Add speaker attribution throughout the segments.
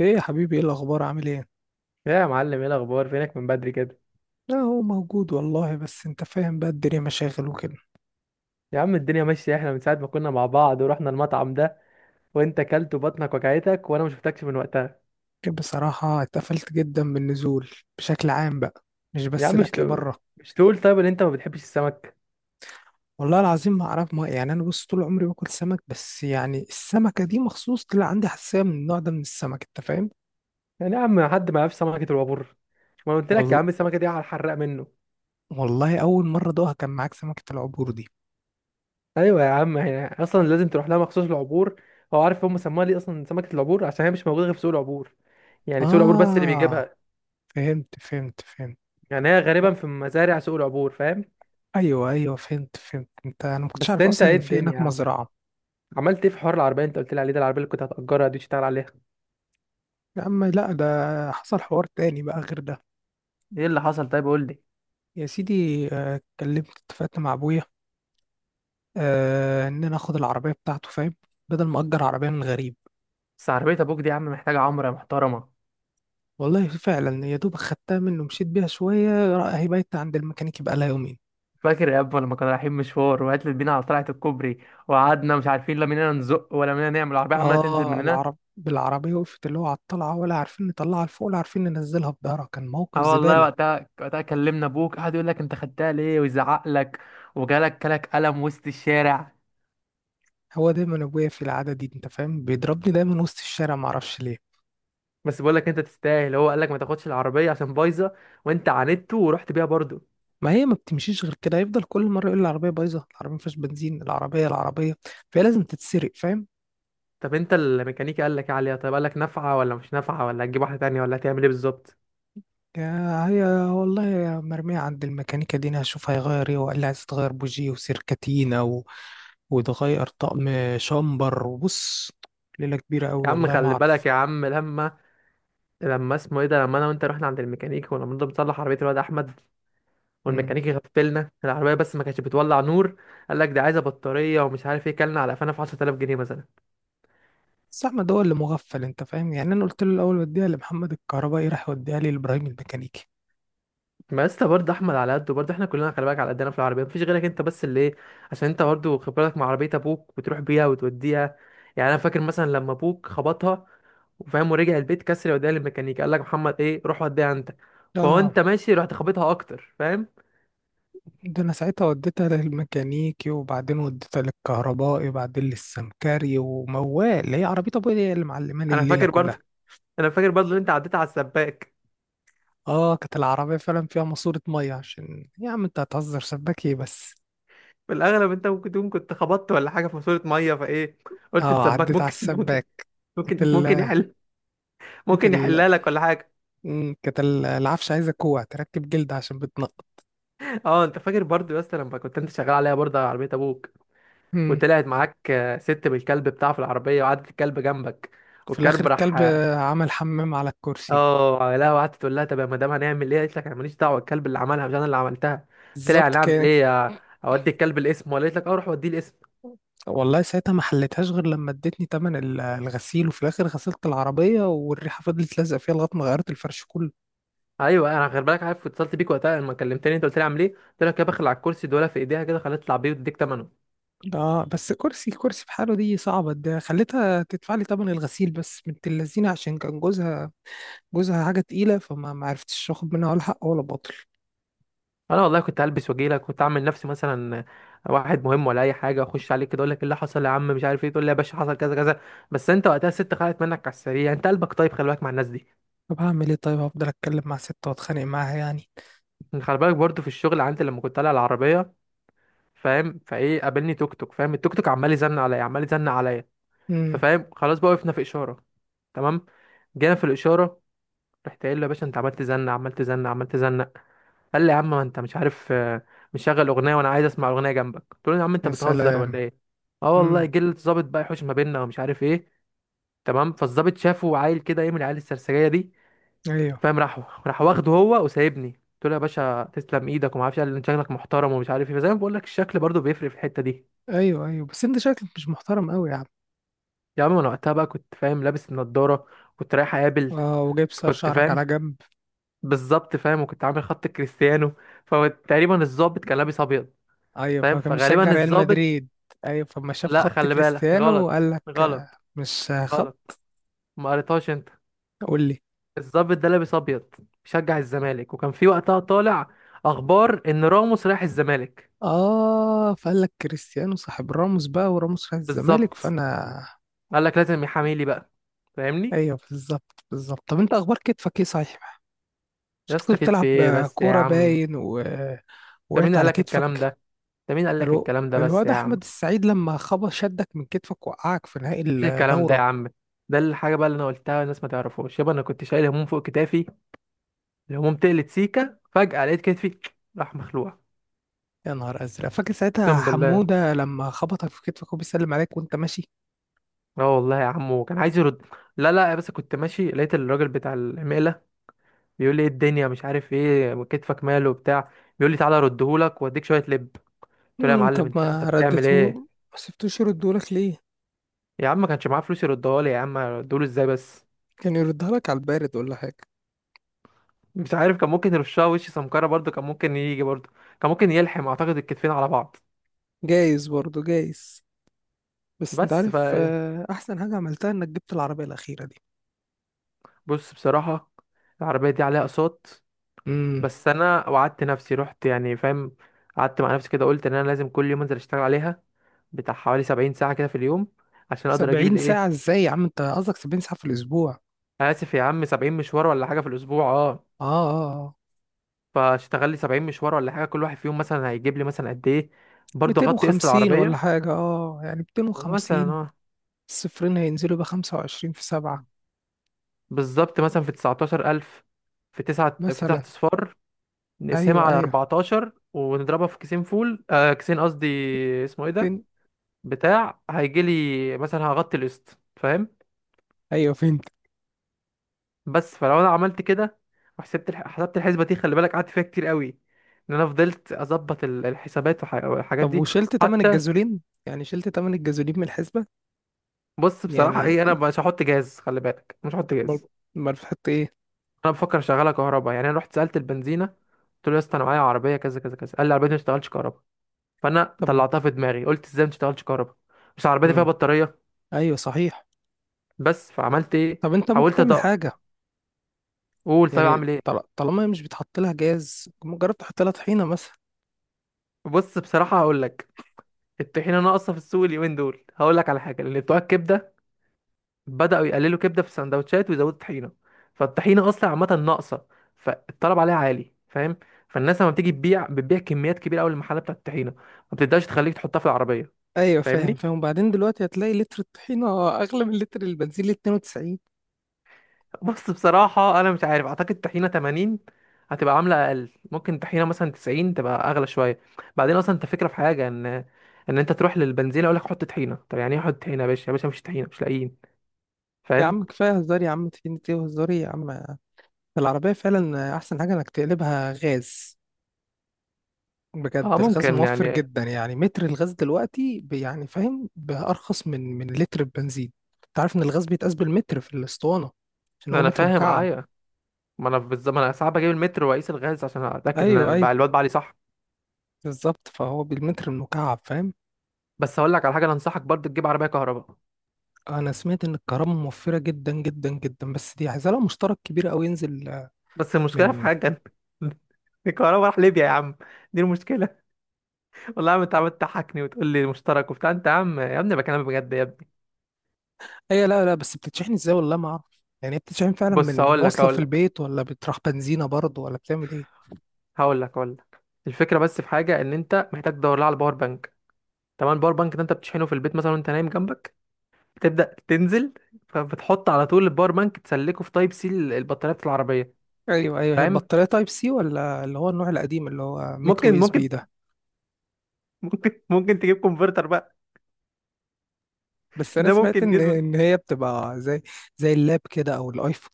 Speaker 1: ايه يا حبيبي، ايه الاخبار؟ عامل ايه؟
Speaker 2: يا معلم، ايه الاخبار؟ فينك من بدري كده؟
Speaker 1: لا، هو موجود والله، بس انت فاهم بقى، الدنيا مشاغل وكده.
Speaker 2: يا عم الدنيا ماشيه، احنا من ساعه ما كنا مع بعض ورحنا المطعم ده وانت كلت وبطنك وجعتك وانا ما شفتكش من وقتها.
Speaker 1: بصراحة اتقفلت جدا من النزول بشكل عام بقى، مش
Speaker 2: يا
Speaker 1: بس
Speaker 2: عم مش
Speaker 1: الاكل
Speaker 2: تقول؟
Speaker 1: بره.
Speaker 2: طيب ان انت ما بتحبش السمك؟
Speaker 1: والله العظيم ما اعرف، ما يعني انا بص، طول عمري باكل سمك، بس يعني السمكة دي مخصوص طلع عندي حساسية من النوع ده من السمك، انت فاهم.
Speaker 2: يعني يا عم حد ما يعرفش سمكه الوابور؟ ما أنا قلت لك يا
Speaker 1: والله،
Speaker 2: عم السمكه دي على الحراق منه.
Speaker 1: والله اول مرة ادوقها كان معاك سمكة العبور دي.
Speaker 2: ايوه يا عم، هي اصلا لازم تروح لها مخصوص العبور. هو عارف هم سموها ليه اصلا سمكه العبور؟ عشان هي مش موجوده غير في سوق العبور، يعني سوق العبور بس اللي
Speaker 1: اه،
Speaker 2: بيجيبها.
Speaker 1: فهمت فهمت فهمت.
Speaker 2: يعني هي غالبا في مزارع سوق العبور، فاهم؟
Speaker 1: ايوه ايوه، فهمت فهمت، انا ما كنتش
Speaker 2: بس
Speaker 1: عارف
Speaker 2: انت
Speaker 1: اصلا
Speaker 2: ايه
Speaker 1: ان في هناك
Speaker 2: الدنيا؟
Speaker 1: مزرعة.
Speaker 2: عملت ايه في حوار العربيه انت قلت لي عليه ده؟ العربيه اللي كنت هتاجرها دي تشتغل عليها؟
Speaker 1: يا عم لا، ده حصل حوار تاني بقى غير ده.
Speaker 2: ايه اللي حصل؟ طيب قول لي.
Speaker 1: يا سيدي، اتفقت مع ابويا، ان انا اخد العربيه بتاعته، فاهم. بدل ما اجر عربيه من غريب.
Speaker 2: بس عربيه ابوك دي يا عم محتاجه عمره يا محترمه.
Speaker 1: والله فعلا، يا دوب خدتها منه مشيت بيها شويه، هي بقت عند الميكانيكي بقى لها يومين.
Speaker 2: فاكر يا ابا لما كنا رايحين مشوار وقتلت بينا على طلعه الكوبري؟ وقعدنا مش عارفين لا مننا نزق ولا مننا، نعمل؟ العربيه عماله تنزل
Speaker 1: اه،
Speaker 2: مننا.
Speaker 1: العرب بالعربيه وقفت اللي هو على الطلعه، ولا عارفين نطلعها لفوق ولا عارفين ننزلها بظهرها، كان موقف
Speaker 2: اه والله
Speaker 1: زباله.
Speaker 2: وقتها، كلمنا ابوك قعد يقول لك انت خدتها ليه ويزعق لك، وجالك كلك قلم وسط الشارع.
Speaker 1: هو دايما ابويا في العاده دي، انت فاهم، بيضربني دايما وسط الشارع معرفش ليه.
Speaker 2: بس بقول لك انت تستاهل، هو قال لك ما تاخدش العربيه عشان بايظه وانت عاندته ورحت بيها برضو.
Speaker 1: ما هي ما بتمشيش غير كده، هيفضل كل مره يقول العربيه بايظه، العربيه ما فيهاش بنزين، العربيه العربيه. فهي لازم تتسرق، فاهم.
Speaker 2: طب انت الميكانيكي قال لك ايه عليها؟ طيب قال لك نافعه ولا مش نافعه، ولا هتجيب واحده تانية، ولا هتعمل ايه بالظبط؟
Speaker 1: يا هي، والله يا مرميه عند الميكانيكا دي، انا هشوف هيغير ايه. وقال لي عايز تغير بوجي وسيركاتينا وتغير طقم شامبر. وبص، ليله كبيره قوي،
Speaker 2: يا عم
Speaker 1: والله ما
Speaker 2: خلي
Speaker 1: اعرف.
Speaker 2: بالك يا عم لما اسمه ايه ده، لما انا وانت رحنا عند الميكانيكي، ولما نضرب نصلح عربيه الواد احمد
Speaker 1: امم.
Speaker 2: والميكانيكي غفلنا العربيه بس ما كانتش بتولع نور. قال لك دي عايزه بطاريه ومش عارف ايه، كلنا على قفانا في 10000 جنيه مثلا.
Speaker 1: بس احمد هو اللي مغفل، انت فاهم، يعني انا قلت له الاول وديها لمحمد الكهربائي، راح يوديها لي لابراهيم الميكانيكي.
Speaker 2: ما لسه برضه احمد على قده، برضه احنا كلنا خلي بالك على قدنا في العربيه، مفيش غيرك انت بس اللي ايه، عشان انت برضه خبرتك مع عربيه ابوك بتروح بيها وتوديها. يعني انا فاكر مثلا لما ابوك خبطها وفاهم ورجع البيت كسر، وداها للميكانيكي قال لك محمد ايه روح وديها انت، فهو
Speaker 1: اه،
Speaker 2: انت ماشي رحت خبطها اكتر، فاهم؟
Speaker 1: ده انا ساعتها وديتها للميكانيكي، وبعدين وديتها للكهربائي، وبعدين للسمكري، وموال اللي هي عربية ابويا هي اللي معلماني
Speaker 2: انا
Speaker 1: الليلة
Speaker 2: فاكر
Speaker 1: كلها.
Speaker 2: برضه انا فاكر برضه ان انت عديت على السباك.
Speaker 1: اه، كانت العربية فعلا فيها ماسورة مية. عشان يا عم، انت هتهزر سباك ايه بس؟
Speaker 2: في الاغلب انت ممكن تكون كنت خبطت ولا حاجه في ماسوره ميه فايه، قلت
Speaker 1: اه،
Speaker 2: السباك
Speaker 1: عديت على
Speaker 2: ممكن ممكن،
Speaker 1: السباك. كانت
Speaker 2: ممكن
Speaker 1: ال
Speaker 2: ممكن يحل،
Speaker 1: كانت
Speaker 2: ممكن
Speaker 1: ال
Speaker 2: يحلها لك ولا حاجه.
Speaker 1: مم، كانت ال- العفش عايزة كوع تركب جلد عشان بتنقط.
Speaker 2: اه، انت فاكر برضه يا اسطى لما كنت انت شغال عليها برضه على عربيه ابوك
Speaker 1: مم.
Speaker 2: وطلعت معاك ست بالكلب بتاعه في العربية وقعدت الكلب جنبك،
Speaker 1: في الاخر
Speaker 2: والكلب راح
Speaker 1: الكلب
Speaker 2: اه.
Speaker 1: عمل حمام على الكرسي.
Speaker 2: لا، وقعدت تقول لها طب يا مدام هنعمل ايه، قالت لك انا ماليش دعوة، الكلب اللي عملها مش انا اللي عملتها. قلت لها
Speaker 1: بالظبط
Speaker 2: يعني اعمل
Speaker 1: كان.
Speaker 2: ايه؟ اودي الكلب الاسم، ولا قالت لك اه روح وديه الاسم.
Speaker 1: والله ساعتها ما حليتهاش غير لما ادتني تمن الغسيل، وفي الاخر غسلت العربية، والريحة فضلت لازقة فيها لغاية ما غيرت الفرش كله.
Speaker 2: ايوه، انا غير بالك عارف اتصلت بيك وقتها لما كلمتني انت قلت لي اعمل ايه، قلت لك يا بخل على الكرسي دولة في ايديها كده خليها تطلع بيه وتديك ثمنه.
Speaker 1: اه، بس كرسي كرسي بحاله دي صعبة، ده خليتها تدفع لي تمن الغسيل بس. بنت اللذينة، عشان كان جوزها، جوزها حاجة تقيلة، فما ما عرفتش اخد منها ولا حق ولا باطل.
Speaker 2: انا والله كنت هلبس واجيلك، كنت اعمل نفسي مثلا واحد مهم ولا اي حاجه، اخش عليك كده اقول لك إيه اللي حصل يا عم مش عارف ايه، تقول لي يا باشا حصل كذا كذا. بس انت وقتها الست خلعت منك على السريع، انت قلبك طيب خلي بالك مع الناس دي.
Speaker 1: طب هعمل ايه؟ طيب هفضل اتكلم مع ستة واتخانق معاها يعني؟
Speaker 2: يعني خلي بالك برضه، في الشغل عندي لما كنت طالع العربيه، فاهم فايه؟ قابلني توك توك، فاهم التوك توك عمال يزن عليا عمال يزن عليا.
Speaker 1: امم.
Speaker 2: ففاهم خلاص بقى، وقفنا في اشاره، تمام. جينا في الاشاره، رحت قايل له يا باشا انت عمال تزنق قال لي يا عم ما انت مش عارف مشغل اغنيه وانا عايز اسمع اغنيه جنبك، قلت له يا عم انت
Speaker 1: يا
Speaker 2: بتهزر
Speaker 1: سلام.
Speaker 2: ولا ايه؟ اه والله
Speaker 1: امم.
Speaker 2: جه الظابط بقى يحوش ما بيننا ومش عارف ايه. تمام، فالظابط شافه عيل كده ايه، من العيال السرسجيه دي،
Speaker 1: ايوه
Speaker 2: فاهم؟ راح، واخده هو وسايبني. قلت له يا باشا تسلم ايدك وما اعرفش، قال لي انت شكلك محترم ومش عارف ايه. فزي ما بقول لك، الشكل برضو بيفرق في الحته دي.
Speaker 1: ايوه ايوه، بس انت شكلك مش محترم قوي يا عم.
Speaker 2: يا عم انا وقتها بقى كنت فاهم لابس النضاره، كنت رايح اقابل،
Speaker 1: اه، وجايب
Speaker 2: كنت
Speaker 1: شعرك على
Speaker 2: فاهم
Speaker 1: جنب.
Speaker 2: بالظبط فاهم، وكنت عامل خط كريستيانو. فتقريبا الظابط كان لابس ابيض،
Speaker 1: ايوه،
Speaker 2: فاهم؟
Speaker 1: فكان بيشجع
Speaker 2: فغالبا
Speaker 1: ريال
Speaker 2: الظابط،
Speaker 1: مدريد. ايوه، فما شاف
Speaker 2: لا
Speaker 1: خط
Speaker 2: خلي بالك
Speaker 1: كريستيانو
Speaker 2: غلط،
Speaker 1: قال لك مش خط.
Speaker 2: غلط ما قريتهاش انت.
Speaker 1: قول لي.
Speaker 2: الضابط ده لابس ابيض، بيشجع الزمالك، وكان في وقتها طالع اخبار ان راموس رايح الزمالك.
Speaker 1: اه، فقال لك كريستيانو صاحب راموس بقى، وراموس راح الزمالك
Speaker 2: بالظبط،
Speaker 1: فانا.
Speaker 2: قال لك لازم يحامي لي بقى، فاهمني؟
Speaker 1: ايوه، بالظبط بالظبط. طب انت اخبار كتفك ايه صحيح؟ مش
Speaker 2: يا
Speaker 1: أنت
Speaker 2: اسطى
Speaker 1: كنت
Speaker 2: كده في
Speaker 1: بتلعب
Speaker 2: ايه بس يا
Speaker 1: كوره
Speaker 2: عم؟
Speaker 1: باين
Speaker 2: انت مين
Speaker 1: وقعت
Speaker 2: قال
Speaker 1: على
Speaker 2: لك الكلام ده؟
Speaker 1: كتفك؟
Speaker 2: بس
Speaker 1: الواد
Speaker 2: يا عم،
Speaker 1: احمد السعيد لما خبط شدك من كتفك وقعك في نهائي
Speaker 2: مفيش الكلام ده يا
Speaker 1: الدوره.
Speaker 2: عم. ده الحاجه بقى اللي انا قلتها، الناس ما تعرفوش يابا، انا كنت شايل هموم فوق كتافي، الهموم تقلت سيكه فجاه، لقيت كتفي راح مخلوع.
Speaker 1: يا نهار ازرق، فاكر ساعتها
Speaker 2: اقسم بالله،
Speaker 1: حموده لما خبطك في كتفك وبيسلم عليك وانت ماشي.
Speaker 2: اه والله يا عمو كان عايز يرد. لا لا، بس كنت ماشي لقيت الراجل بتاع المقلة بيقول لي ايه الدنيا، مش عارف ايه كتفك ماله وبتاع، بيقول لي تعالى اردهولك واديك شوية لب. قلت له يا معلم
Speaker 1: طب
Speaker 2: انت،
Speaker 1: ما
Speaker 2: بتعمل
Speaker 1: ردته،
Speaker 2: ايه؟
Speaker 1: ما سبتوش يردهولك ليه؟
Speaker 2: يا عم ما كانش معاه فلوس يردها لي، يا عم ادوله ازاي بس؟
Speaker 1: كان يردها لك على البارد ولا حاجة.
Speaker 2: مش عارف، كان ممكن يرشها وش سمكرة برضه، كان ممكن يجي برضه، كان ممكن يلحم اعتقد الكتفين على بعض.
Speaker 1: جايز برضه، جايز. بس انت
Speaker 2: بس ف،
Speaker 1: عارف، احسن حاجة عملتها انك جبت العربية الأخيرة دي.
Speaker 2: بص بصراحة العربية دي عليها اقساط.
Speaker 1: امم.
Speaker 2: بس انا وعدت نفسي، رحت يعني فاهم، قعدت مع نفسي كده قلت ان انا لازم كل يوم انزل اشتغل عليها بتاع حوالي 70 ساعة كده في اليوم، عشان اقدر اجيب
Speaker 1: 70
Speaker 2: الايه.
Speaker 1: ساعة ازاي يا عم؟ انت قصدك 70 ساعة في الأسبوع؟
Speaker 2: اسف يا عم، 70 مشوار ولا حاجة في الاسبوع اه.
Speaker 1: اه اه، آه.
Speaker 2: فاشتغل لي 70 مشوار ولا حاجة، كل واحد فيهم مثلا هيجيب لي مثلا قد ايه، برضه اغطي قسط
Speaker 1: 250 ولا
Speaker 2: العربية
Speaker 1: حاجة، يعني
Speaker 2: مثلا.
Speaker 1: 250،
Speaker 2: اه،
Speaker 1: الصفرين هينزلوا ب 25 في سبعة
Speaker 2: بالظبط مثلا في 19000، في 9 في 9
Speaker 1: مثلا.
Speaker 2: اصفار، نقسمها
Speaker 1: ايوه
Speaker 2: على
Speaker 1: ايوه،
Speaker 2: 14 ونضربها في كيسين فول كيسين قصدي، اسمه ايه ده،
Speaker 1: فين؟
Speaker 2: بتاع هيجي لي مثلا هغطي القسط فاهم.
Speaker 1: ايوه، فين؟
Speaker 2: بس فلو انا عملت كده وحسبت حسبت الحسبه دي، خلي بالك قعدت فيها كتير قوي ان انا فضلت اظبط الحسابات والحاجات
Speaker 1: طب
Speaker 2: دي.
Speaker 1: وشلت تمن
Speaker 2: حتى،
Speaker 1: الجازولين؟ يعني شلت تمن الجازولين من الحسبة؟
Speaker 2: بص بصراحه
Speaker 1: يعني؟
Speaker 2: ايه، انا مش هحط جاز، خلي بالك مش هحط
Speaker 1: امال؟
Speaker 2: جاز.
Speaker 1: امال بتحط ايه؟
Speaker 2: انا بفكر اشغلها كهرباء، يعني انا رحت سالت البنزينه قلت له يا اسطى انا معايا عربيه كذا كذا كذا، قال لي عربيتي ما بتشتغلش كهرباء. فانا
Speaker 1: طب.
Speaker 2: طلعتها في دماغي قلت ازاي ما بتشتغلش كهرباء؟ مش عربيتي فيها
Speaker 1: مم.
Speaker 2: بطاريه؟
Speaker 1: ايوه صحيح.
Speaker 2: بس فعملت ايه،
Speaker 1: طب انت ممكن
Speaker 2: حاولت
Speaker 1: تعمل حاجه،
Speaker 2: ادق، قول طيب
Speaker 1: يعني
Speaker 2: اعمل ايه.
Speaker 1: طالما هي مش بيتحط لها جاز، مجرد تحط لها طحينه مثلا؟
Speaker 2: بص بصراحه هقول لك، الطحينه ناقصه في السوق اليومين دول، هقول لك على حاجه، لان بتوع الكبده بدأوا يقللوا كبدة في السندوتشات ويزودوا طحينة، فالطحينة أصلا عامة ناقصة، فالطلب عليها عالي، فاهم؟ فالناس لما بتيجي تبيع بتبيع كميات كبيرة أوي للمحلات بتاعة الطحينة، ما بتقدرش تخليك تحطها في العربية.
Speaker 1: ايوه، فاهم
Speaker 2: فاهمني؟
Speaker 1: فاهم. وبعدين دلوقتي هتلاقي لتر الطحينه اغلى من لتر البنزين ل 92.
Speaker 2: بص بصراحة أنا مش عارف، أعتقد طحينة 80 هتبقى عاملة أقل، ممكن طحينة مثلا 90 تبقى أغلى شوية. بعدين أصلا أنت فكرة في حاجة إن، أنت تروح للبنزينة أقول لك حط طحينة، طب يعني إيه حط طحينة يا باشا؟ يا باشا مفيش طحينة، مش لاقيين،
Speaker 1: يا
Speaker 2: فاهم؟
Speaker 1: عم كفايه هزار يا عم، طحينه ايه وهزار إيه يا عم؟ العربيه فعلا احسن حاجه انك تقلبها غاز. بجد،
Speaker 2: أه
Speaker 1: الغاز
Speaker 2: ممكن
Speaker 1: موفر
Speaker 2: يعني.
Speaker 1: جدا، يعني متر الغاز دلوقتي يعني فاهم، بأرخص من لتر البنزين. انت عارف ان الغاز بيتقاس بالمتر في الاسطوانه، عشان هو
Speaker 2: أنا
Speaker 1: متر
Speaker 2: فاهم
Speaker 1: مكعب.
Speaker 2: أيوه، ما انا بالظبط، ما انا ساعات بجيب المتر واقيس الغاز عشان اتاكد ان
Speaker 1: ايوه ايوه،
Speaker 2: الواد بعلي صح.
Speaker 1: بالظبط، فهو بالمتر المكعب، فاهم.
Speaker 2: بس هقول لك على حاجه، انا انصحك برضه تجيب عربيه كهرباء.
Speaker 1: انا سمعت ان الكهرباء موفره جدا جدا جدا، بس دي عايزه لها مشترك كبير قوي ينزل
Speaker 2: بس المشكله في
Speaker 1: من.
Speaker 2: حاجه، الكهرباء راح ليبيا يا عم، دي المشكله. والله يا عم انت عمال تضحكني وتقول لي مشترك وبتاع، انت يا عم يا ابني بكلمك بجد يا ابني.
Speaker 1: اي لا لا، بس بتتشحن ازاي، والله ما اعرف، يعني هي بتتشحن فعلا من
Speaker 2: بص
Speaker 1: من
Speaker 2: هقول لك،
Speaker 1: وصله في البيت، ولا بتروح بنزينه برضه، ولا بتعمل ايه؟
Speaker 2: هقول لك هقول لك الفكره بس في حاجه، ان انت محتاج تدور لها على باور بانك، تمام. الباور بانك ده انت بتشحنه في البيت مثلا وانت نايم جنبك، بتبدا تنزل، فبتحط على طول الباور بانك تسلكه في تايب سي البطاريه بتاعت العربيه،
Speaker 1: ايوه ايوه، هي
Speaker 2: فاهم؟
Speaker 1: البطاريه تايب سي ولا اللي هو النوع القديم اللي هو ميكرو
Speaker 2: ممكن،
Speaker 1: يو اس بي
Speaker 2: ممكن
Speaker 1: ده؟
Speaker 2: ممكن ممكن تجيب كونفرتر بقى،
Speaker 1: بس انا
Speaker 2: ده
Speaker 1: سمعت
Speaker 2: ممكن
Speaker 1: ان
Speaker 2: يظبط.
Speaker 1: ان هي بتبقى زي، زي اللاب كده او الايفون.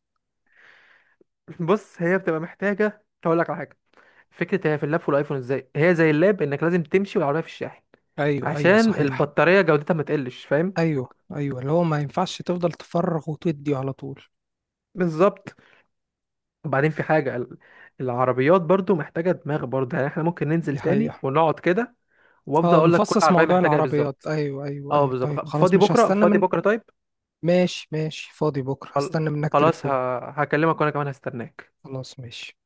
Speaker 2: بص هي بتبقى محتاجه، هقول لك على حاجه، فكره هي في اللاب والايفون ازاي، هي زي اللاب انك لازم تمشي والعربيه في الشاحن
Speaker 1: ايوه ايوه
Speaker 2: عشان
Speaker 1: صحيح.
Speaker 2: البطاريه جودتها ما تقلش، فاهم؟
Speaker 1: ايوه ايوه، اللي هو ما ينفعش تفضل تفرغ وتدي على طول.
Speaker 2: بالظبط. وبعدين في حاجه العربيات برضو محتاجه دماغ برضو، يعني احنا ممكن ننزل
Speaker 1: دي
Speaker 2: تاني
Speaker 1: حقيقه.
Speaker 2: ونقعد كده، وافضل
Speaker 1: اه،
Speaker 2: اقول لك كل
Speaker 1: نفصص
Speaker 2: عربيه
Speaker 1: موضوع
Speaker 2: محتاجه ايه
Speaker 1: العربيات،
Speaker 2: بالظبط.
Speaker 1: ايوه ايوه
Speaker 2: اه
Speaker 1: ايوه.
Speaker 2: بالظبط،
Speaker 1: طيب خلاص،
Speaker 2: فاضي
Speaker 1: مش
Speaker 2: بكره؟
Speaker 1: هستنى
Speaker 2: فاضي
Speaker 1: من.
Speaker 2: بكره طيب.
Speaker 1: ماشي ماشي، فاضي بكره
Speaker 2: خل-
Speaker 1: هستنى منك
Speaker 2: خلاص،
Speaker 1: تليفون.
Speaker 2: هكلمك وانا كمان هستناك.
Speaker 1: خلاص ماشي.